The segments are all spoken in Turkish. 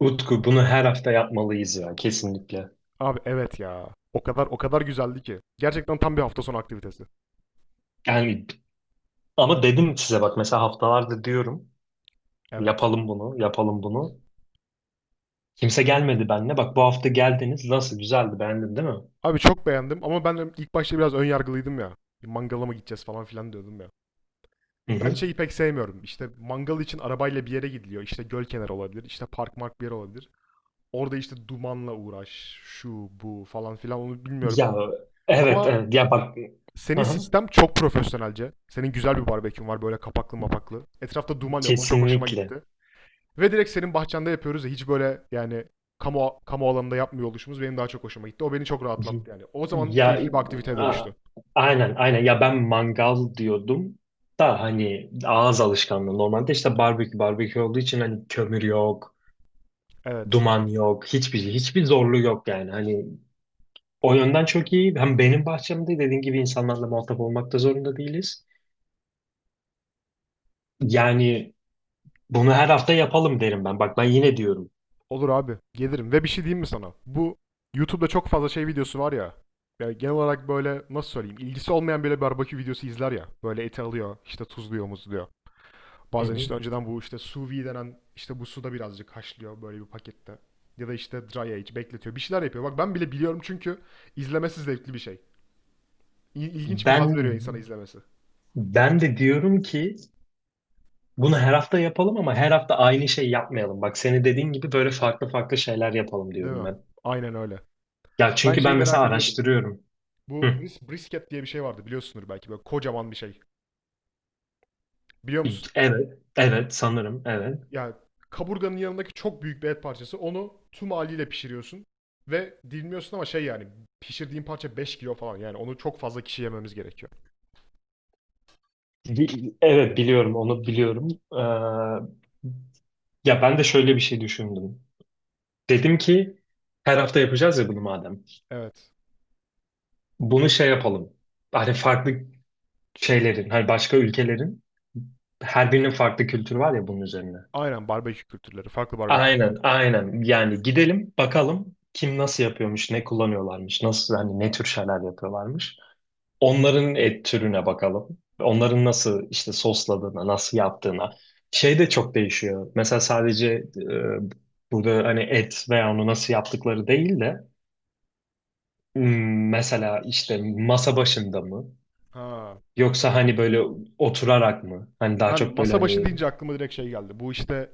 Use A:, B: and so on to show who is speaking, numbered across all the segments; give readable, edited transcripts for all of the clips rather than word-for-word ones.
A: Utku, bunu her hafta yapmalıyız ya, kesinlikle.
B: Abi evet ya. O kadar o kadar güzeldi ki. Gerçekten tam bir hafta sonu aktivitesi.
A: Yani ama dedim size, bak mesela haftalarda diyorum
B: Evet.
A: yapalım bunu, yapalım bunu. Kimse gelmedi benimle. Bak, bu hafta geldiniz, nasıl güzeldi, beğendin değil mi?
B: Abi çok beğendim ama ben ilk başta biraz ön yargılıydım ya. Bir Mangala mı gideceğiz falan filan diyordum ya.
A: Hı
B: Ben
A: hı.
B: şeyi pek sevmiyorum. İşte mangal için arabayla bir yere gidiliyor. İşte göl kenarı olabilir. İşte park mark bir yer olabilir. Orada işte dumanla uğraş, şu bu falan filan onu bilmiyorum.
A: Ya evet
B: Ama
A: evet, ya bak hı
B: senin
A: hı.
B: sistem çok profesyonelce. Senin güzel bir barbekün var, böyle kapaklı mapaklı. Etrafta duman yok. O çok hoşuma
A: Kesinlikle.
B: gitti. Ve direkt senin bahçende yapıyoruz ya, hiç böyle yani kamu alanında yapmıyor oluşumuz benim daha çok hoşuma gitti. O beni çok
A: Hı hı.
B: rahatlattı yani. O zaman
A: Ya
B: keyifli bir aktiviteye
A: a-
B: dönüştü.
A: aynen aynen, ya ben mangal diyordum da hani ağız alışkanlığı, normalde işte barbekü olduğu için, hani kömür yok.
B: Evet.
A: Duman yok, hiçbir şey, hiçbir zorluğu yok yani. Hani o yönden çok iyi. Hem benim bahçemde, dediğin gibi, insanlarla muhatap olmak da zorunda değiliz. Yani bunu her hafta yapalım derim ben. Bak ben yine diyorum.
B: Olur abi. Gelirim. Ve bir şey diyeyim mi sana? Bu YouTube'da çok fazla şey videosu var ya. Yani genel olarak böyle, nasıl söyleyeyim, ilgisi olmayan böyle barbekü videosu izler ya. Böyle eti alıyor, işte tuzluyor, muzluyor.
A: Hı
B: Bazen
A: hı.
B: işte önceden bu işte sous vide denen işte bu suda birazcık haşlıyor böyle bir pakette. Ya da işte dry age bekletiyor. Bir şeyler yapıyor. Bak ben bile biliyorum çünkü izlemesi zevkli bir şey. İl- ilginç bir
A: Ben
B: haz veriyor insana izlemesi.
A: ben de diyorum ki bunu her hafta yapalım ama her hafta aynı şey yapmayalım. Bak, senin dediğin gibi böyle farklı farklı şeyler yapalım
B: Değil
A: diyorum
B: mi?
A: ben.
B: Aynen öyle.
A: Ya
B: Ben
A: çünkü ben
B: şeyi
A: mesela
B: merak ediyordum.
A: araştırıyorum.
B: Bu
A: Hı.
B: brisket diye bir şey vardı, biliyorsundur belki, böyle kocaman bir şey. Biliyor musun?
A: Evet, evet sanırım, evet.
B: Yani kaburganın yanındaki çok büyük bir et parçası. Onu tüm haliyle pişiriyorsun ve dilmiyorsun ama şey yani, pişirdiğin parça 5 kilo falan. Yani onu çok fazla kişi yememiz gerekiyor.
A: Evet biliyorum, onu biliyorum. Ee, Ya ben de şöyle bir şey düşündüm. Dedim ki her hafta yapacağız ya bunu madem.
B: Evet.
A: Bunu şey yapalım. Hani farklı şeylerin, hani başka ülkelerin her birinin farklı kültürü var ya bunun üzerine.
B: Aynen, barbekü kültürleri. Farklı barbekü.
A: Aynen, aynen. Yani gidelim bakalım kim nasıl yapıyormuş, ne kullanıyorlarmış, nasıl, hani ne tür şeyler yapıyorlarmış. Onların et türüne bakalım. Onların nasıl işte sosladığına, nasıl yaptığına. Şey de çok değişiyor. Mesela sadece burada hani et veya onu nasıl yaptıkları değil de. Hmm, mesela işte masa başında mı?
B: Ha.
A: Yoksa hani böyle oturarak mı? Hani daha
B: Ben
A: çok böyle
B: masa başı
A: hani...
B: deyince aklıma direkt şey geldi. Bu işte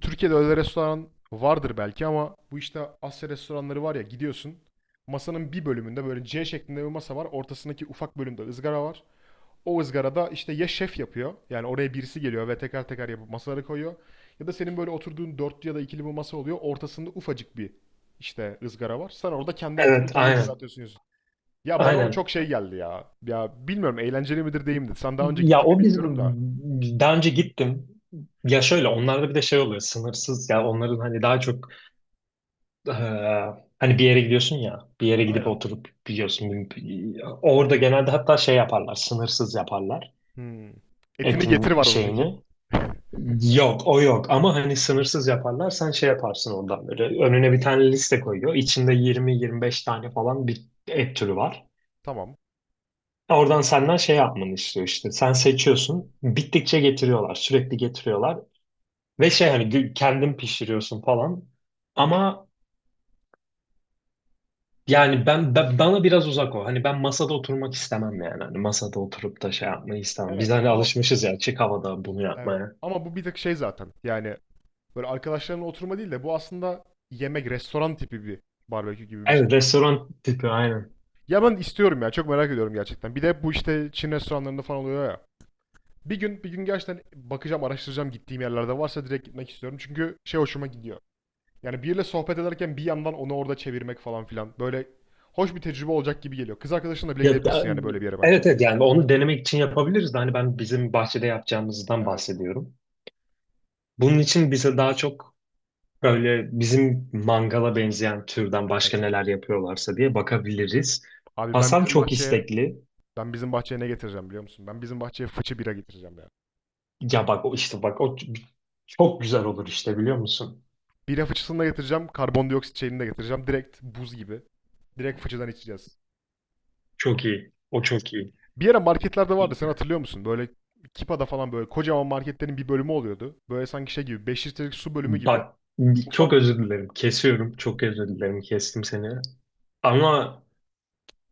B: Türkiye'de öyle restoran vardır belki ama bu işte Asya restoranları var ya, gidiyorsun. Masanın bir bölümünde böyle C şeklinde bir masa var. Ortasındaki ufak bölümde ızgara var. O ızgarada işte ya şef yapıyor. Yani oraya birisi geliyor ve teker teker yapıp masaları koyuyor. Ya da senin böyle oturduğun dörtlü ya da ikili bir masa oluyor. Ortasında ufacık bir işte ızgara var. Sen orada kendi etini
A: Evet,
B: kendin
A: aynen.
B: kızartıyorsun, yiyorsun. Ya bana o
A: Aynen.
B: çok şey geldi ya. Ya bilmiyorum, eğlenceli midir değil midir. Sen daha önce
A: Ya
B: gittin mi
A: o biz
B: bilmiyorum da.
A: daha önce gittim. Ya şöyle, onlarda bir de şey oluyor, sınırsız, ya onların hani daha çok eee, hani bir yere gidiyorsun ya, bir yere gidip
B: Aynen.
A: oturup biliyorsun orada genelde, hatta şey yaparlar, sınırsız yaparlar
B: Hmm. Etini getir
A: etin
B: var mı peki?
A: şeyini. Yok o yok, ama hani sınırsız yaparlar, sen şey yaparsın ondan, böyle önüne bir tane liste koyuyor, içinde 20-25 tane falan bir et türü var.
B: Tamam.
A: Oradan senden şey yapmanı istiyor, işte sen seçiyorsun, bittikçe getiriyorlar, sürekli getiriyorlar ve şey, hani kendin pişiriyorsun falan, ama yani bana biraz uzak o, hani ben masada oturmak istemem yani, hani masada oturup da şey yapmayı istemem, biz
B: Evet
A: hani
B: ama
A: alışmışız ya açık havada bunu
B: evet.
A: yapmaya.
B: Ama bu bir tek şey zaten. Yani böyle arkadaşların oturma değil de, bu aslında yemek, restoran tipi bir barbekü gibi bir şey.
A: Evet, restoran tipi, aynen.
B: Ya ben istiyorum ya. Çok merak ediyorum gerçekten. Bir de bu işte Çin restoranlarında falan oluyor ya. Bir gün bir gün gerçekten bakacağım, araştıracağım, gittiğim yerlerde varsa direkt gitmek istiyorum. Çünkü şey hoşuma gidiyor. Yani biriyle sohbet ederken bir yandan onu orada çevirmek falan filan. Böyle hoş bir tecrübe olacak gibi geliyor. Kız arkadaşınla bile
A: Ya
B: gidebilirsin
A: da-
B: yani böyle bir yere bence.
A: evet evet, yani onu denemek için yapabiliriz de hani ben bizim bahçede yapacağımızdan
B: Evet,
A: bahsediyorum. Bunun için bize daha çok böyle bizim mangala benzeyen türden
B: evet.
A: başka neler yapıyorlarsa diye bakabiliriz.
B: Abi
A: Hasan çok istekli.
B: ben bizim bahçeye ne getireceğim biliyor musun? Ben bizim bahçeye fıçı bira getireceğim ya.
A: Ya bak o, işte bak o çok güzel olur, işte biliyor musun?
B: Bira fıçısını da getireceğim, karbondioksit şeyini de getireceğim. Direkt buz gibi. Direkt fıçıdan içeceğiz.
A: Çok iyi. O çok iyi.
B: Bir ara marketlerde vardı, sen hatırlıyor musun? Böyle Kipa'da falan, böyle kocaman marketlerin bir bölümü oluyordu. Böyle sanki şey gibi, 5 litrelik su bölümü gibi.
A: Bak, çok
B: Ufak.
A: özür dilerim, kesiyorum. Çok özür dilerim, kestim seni. Ama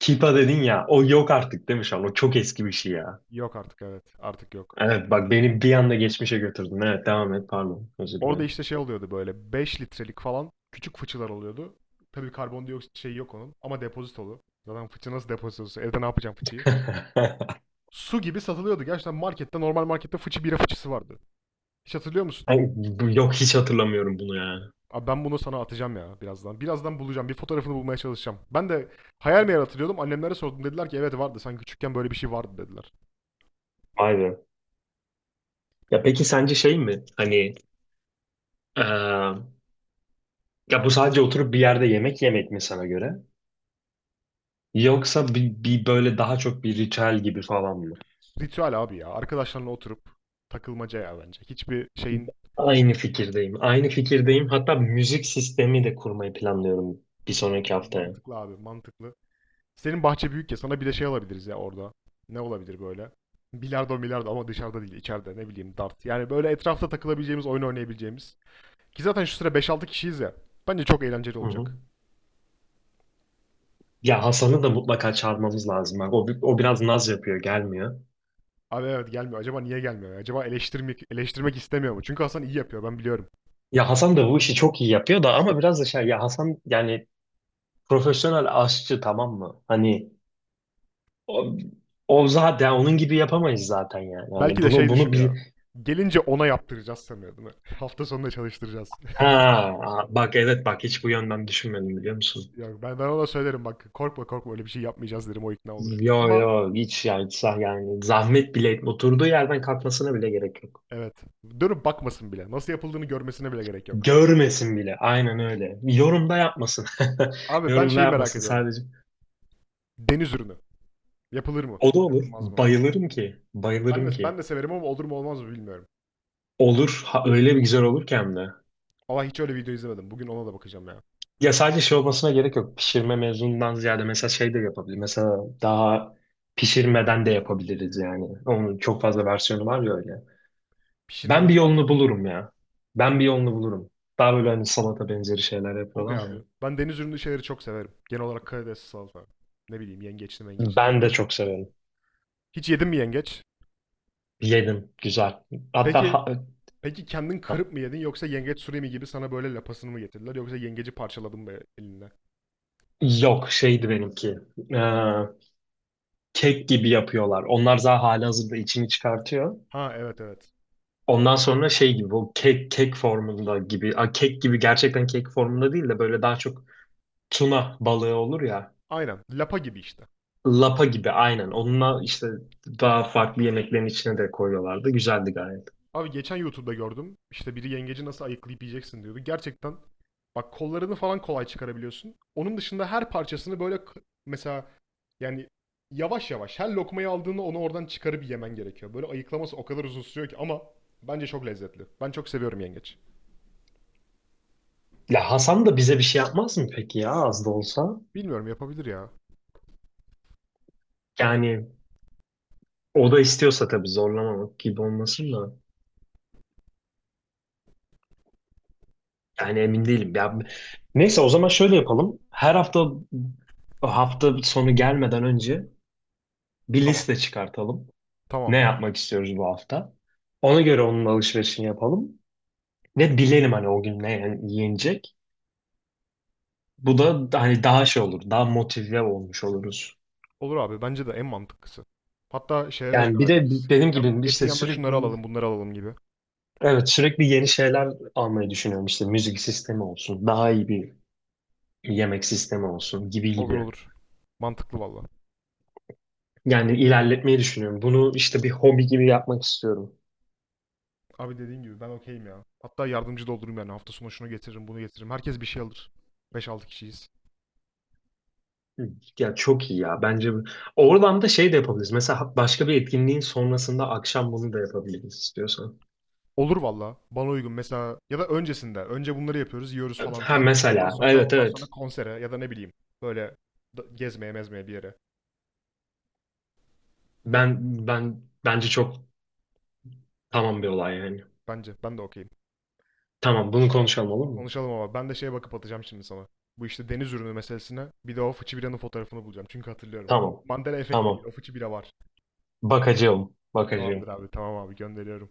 A: Kipa dedin ya, o yok artık değil mi şu an? O çok eski bir şey ya.
B: Yok artık, evet, artık yok.
A: Evet, bak beni bir anda geçmişe götürdün. Evet devam et, pardon. Özür
B: Orada
A: dilerim.
B: işte şey oluyordu, böyle 5 litrelik falan küçük fıçılar oluyordu. Tabii karbondioksit şeyi yok onun ama depozitolu. Zaten fıçı nasıl depozitolusu? Evde ne yapacağım fıçıyı? Su gibi satılıyordu. Gerçekten markette, normal markette fıçı bira fıçısı vardı. Hiç hatırlıyor musun?
A: Ay, yok, hiç hatırlamıyorum bunu ya.
B: Abi ben bunu sana atacağım ya birazdan. Birazdan bulacağım. Bir fotoğrafını bulmaya çalışacağım. Ben de hayal meyal hatırlıyordum. Annemlere sordum. Dediler ki evet vardı. Sen küçükken böyle bir şey vardı dediler.
A: Vay be. Ya peki sence şey mi? Hani eee, ya bu sadece oturup bir yerde yemek yemek mi sana göre? Yoksa bir, bir böyle daha çok bir ritüel gibi falan mı?
B: Ritüel abi ya. Arkadaşlarla oturup takılmaca ya bence. Hiçbir şeyin
A: Aynı fikirdeyim. Aynı fikirdeyim. Hatta müzik sistemi de kurmayı planlıyorum bir sonraki
B: mantıklı,
A: haftaya.
B: mantıklı abi, mantıklı. Senin bahçe büyük ya, sana bir de şey alabiliriz ya orada. Ne olabilir böyle? Bilardo milardo, ama dışarıda değil içeride, ne bileyim, dart. Yani böyle etrafta takılabileceğimiz, oyun oynayabileceğimiz. Ki zaten şu sıra 5-6 kişiyiz ya. Bence çok eğlenceli
A: Hı hı.
B: olacak.
A: Ya Hasan'ı da mutlaka çağırmamız lazım. Bak, o, o biraz naz yapıyor, gelmiyor.
B: Abi evet, gelmiyor. Acaba niye gelmiyor? Acaba eleştirmek istemiyor mu? Çünkü Hasan iyi yapıyor, ben biliyorum.
A: Ya Hasan da bu işi çok iyi yapıyor da, ama biraz da şey ya, Hasan yani profesyonel aşçı, tamam mı? Hani o, o zaten onun gibi yapamayız zaten yani.
B: Belki
A: Yani
B: de
A: bunu
B: şey
A: bunu bil.
B: düşünüyor. Gelince ona yaptıracağız sanıyor değil mi? Hafta sonunda çalıştıracağız.
A: Ha bak, evet bak, hiç bu yönden düşünmedim, biliyor musun?
B: Yok, ben ona söylerim, bak korkma korkma, öyle bir şey yapmayacağız derim, o ikna olur.
A: Yo
B: Ama
A: yo, hiç yani, yani zahmet bile etme. Oturduğu yerden kalkmasına bile gerek yok.
B: evet, dönüp bakmasın bile. Nasıl yapıldığını görmesine bile gerek yok.
A: Görmesin bile. Aynen öyle. Yorumda yapmasın.
B: Abi ben
A: Yorumda
B: şeyi merak
A: yapmasın
B: ediyorum.
A: sadece.
B: Deniz ürünü. Yapılır mı?
A: O da olur.
B: Yapılmaz mı?
A: Bayılırım ki.
B: Ben
A: Bayılırım
B: de ben
A: ki.
B: de severim ama olur mu olmaz mı bilmiyorum.
A: Olur. Ha, öyle bir güzel olur ki hem de.
B: Ama hiç öyle video izlemedim. Bugün ona da bakacağım ya.
A: Ya sadece şey olmasına gerek yok. Pişirme mezunundan ziyade, mesela şey de yapabilir. Mesela daha pişirmeden de yapabiliriz yani. Onun çok fazla versiyonu var ya öyle. Ben bir
B: Pişirmeden
A: yolunu
B: derken?
A: bulurum ya. Ben bir yolunu bulurum. Daha böyle hani salata benzeri şeyler
B: Okey
A: yapıyorlar
B: abi.
A: ya.
B: Ben deniz ürünü şeyleri çok severim. Genel olarak karidesli salata. Ne bileyim yengeçli mengeçli.
A: Ben de
B: Yengeç.
A: çok severim.
B: Hiç yedin mi yengeç?
A: Yedim. Güzel. Hatta
B: Peki peki kendin
A: ha,
B: kırıp mı yedin, yoksa yengeç surimi gibi sana böyle lapasını mı getirdiler, yoksa yengeci parçaladın mı elinle?
A: yok şeydi benimki. Ee, kek gibi yapıyorlar. Onlar daha halihazırda içini çıkartıyor.
B: Ha evet evet.
A: Ondan sonra şey gibi, o kek formunda gibi, kek gibi, gerçekten kek formunda değil de böyle daha çok tuna balığı olur ya,
B: Aynen. Lapa gibi işte.
A: lapa gibi, aynen, onunla işte daha farklı yemeklerin içine de koyuyorlardı, güzeldi gayet.
B: Abi geçen YouTube'da gördüm. İşte biri yengeci nasıl ayıklayıp yiyeceksin diyordu. Gerçekten bak, kollarını falan kolay çıkarabiliyorsun. Onun dışında her parçasını böyle, mesela yani yavaş yavaş her lokmayı aldığında onu oradan çıkarıp yemen gerekiyor. Böyle ayıklaması o kadar uzun sürüyor ki, ama bence çok lezzetli. Ben çok seviyorum yengeç.
A: Ya Hasan da bize bir şey yapmaz mı peki, ya az da olsa?
B: Bilmiyorum, yapabilir ya.
A: Yani o da istiyorsa tabii, zorlamamak gibi olmasın da, yani emin değilim ya. Neyse, o zaman şöyle yapalım: her hafta, hafta sonu gelmeden önce bir
B: Tamam.
A: liste çıkartalım. Ne
B: Tamamdır.
A: yapmak istiyoruz bu hafta. Ona göre onun alışverişini yapalım. Ve bilelim hani o gün ne yenecek. Bu da hani daha şey olur, daha motive olmuş oluruz.
B: Olur abi, bence de en mantıklısı. Hatta şehre de
A: Yani bir
B: karar
A: de
B: veririz.
A: benim gibi
B: Etin
A: işte
B: yanında
A: sürekli,
B: şunları alalım, bunları alalım gibi.
A: evet sürekli yeni şeyler almayı düşünüyorum. İşte müzik sistemi olsun, daha iyi bir yemek sistemi olsun, gibi
B: Olur
A: gibi.
B: olur. Mantıklı valla.
A: Yani ilerletmeyi düşünüyorum. Bunu işte bir hobi gibi yapmak istiyorum.
B: Abi dediğin gibi ben okeyim ya. Hatta yardımcı da olurum yani. Hafta sonu şunu getiririm, bunu getiririm. Herkes bir şey alır. 5-6 kişiyiz.
A: Ya çok iyi ya. Bence oradan da şey de yapabiliriz. Mesela başka bir etkinliğin sonrasında akşam bunu da yapabiliriz istiyorsan.
B: Olur valla. Bana uygun. Mesela ya da öncesinde. Önce bunları yapıyoruz, yiyoruz falan
A: Ha
B: filan. Ondan
A: mesela,
B: sonra
A: evet
B: ondan sonra
A: evet.
B: konsere ya da ne bileyim, böyle gezmeye mezmeye bir yere.
A: Ben ben bence çok, tamam bir olay yani.
B: Bence ben de okeyim.
A: Tamam, bunu konuşalım, olur mu?
B: Konuşalım, ama ben de şeye bakıp atacağım şimdi sana. Bu işte deniz ürünü meselesine, bir de o fıçı biranın fotoğrafını bulacağım. Çünkü hatırlıyorum. Bu
A: Tamam.
B: Mandela efekt değil.
A: Tamam.
B: O fıçı bira var.
A: Bakacağım.
B: Tamamdır
A: Bakacağım.
B: abi. Tamam abi, gönderiyorum.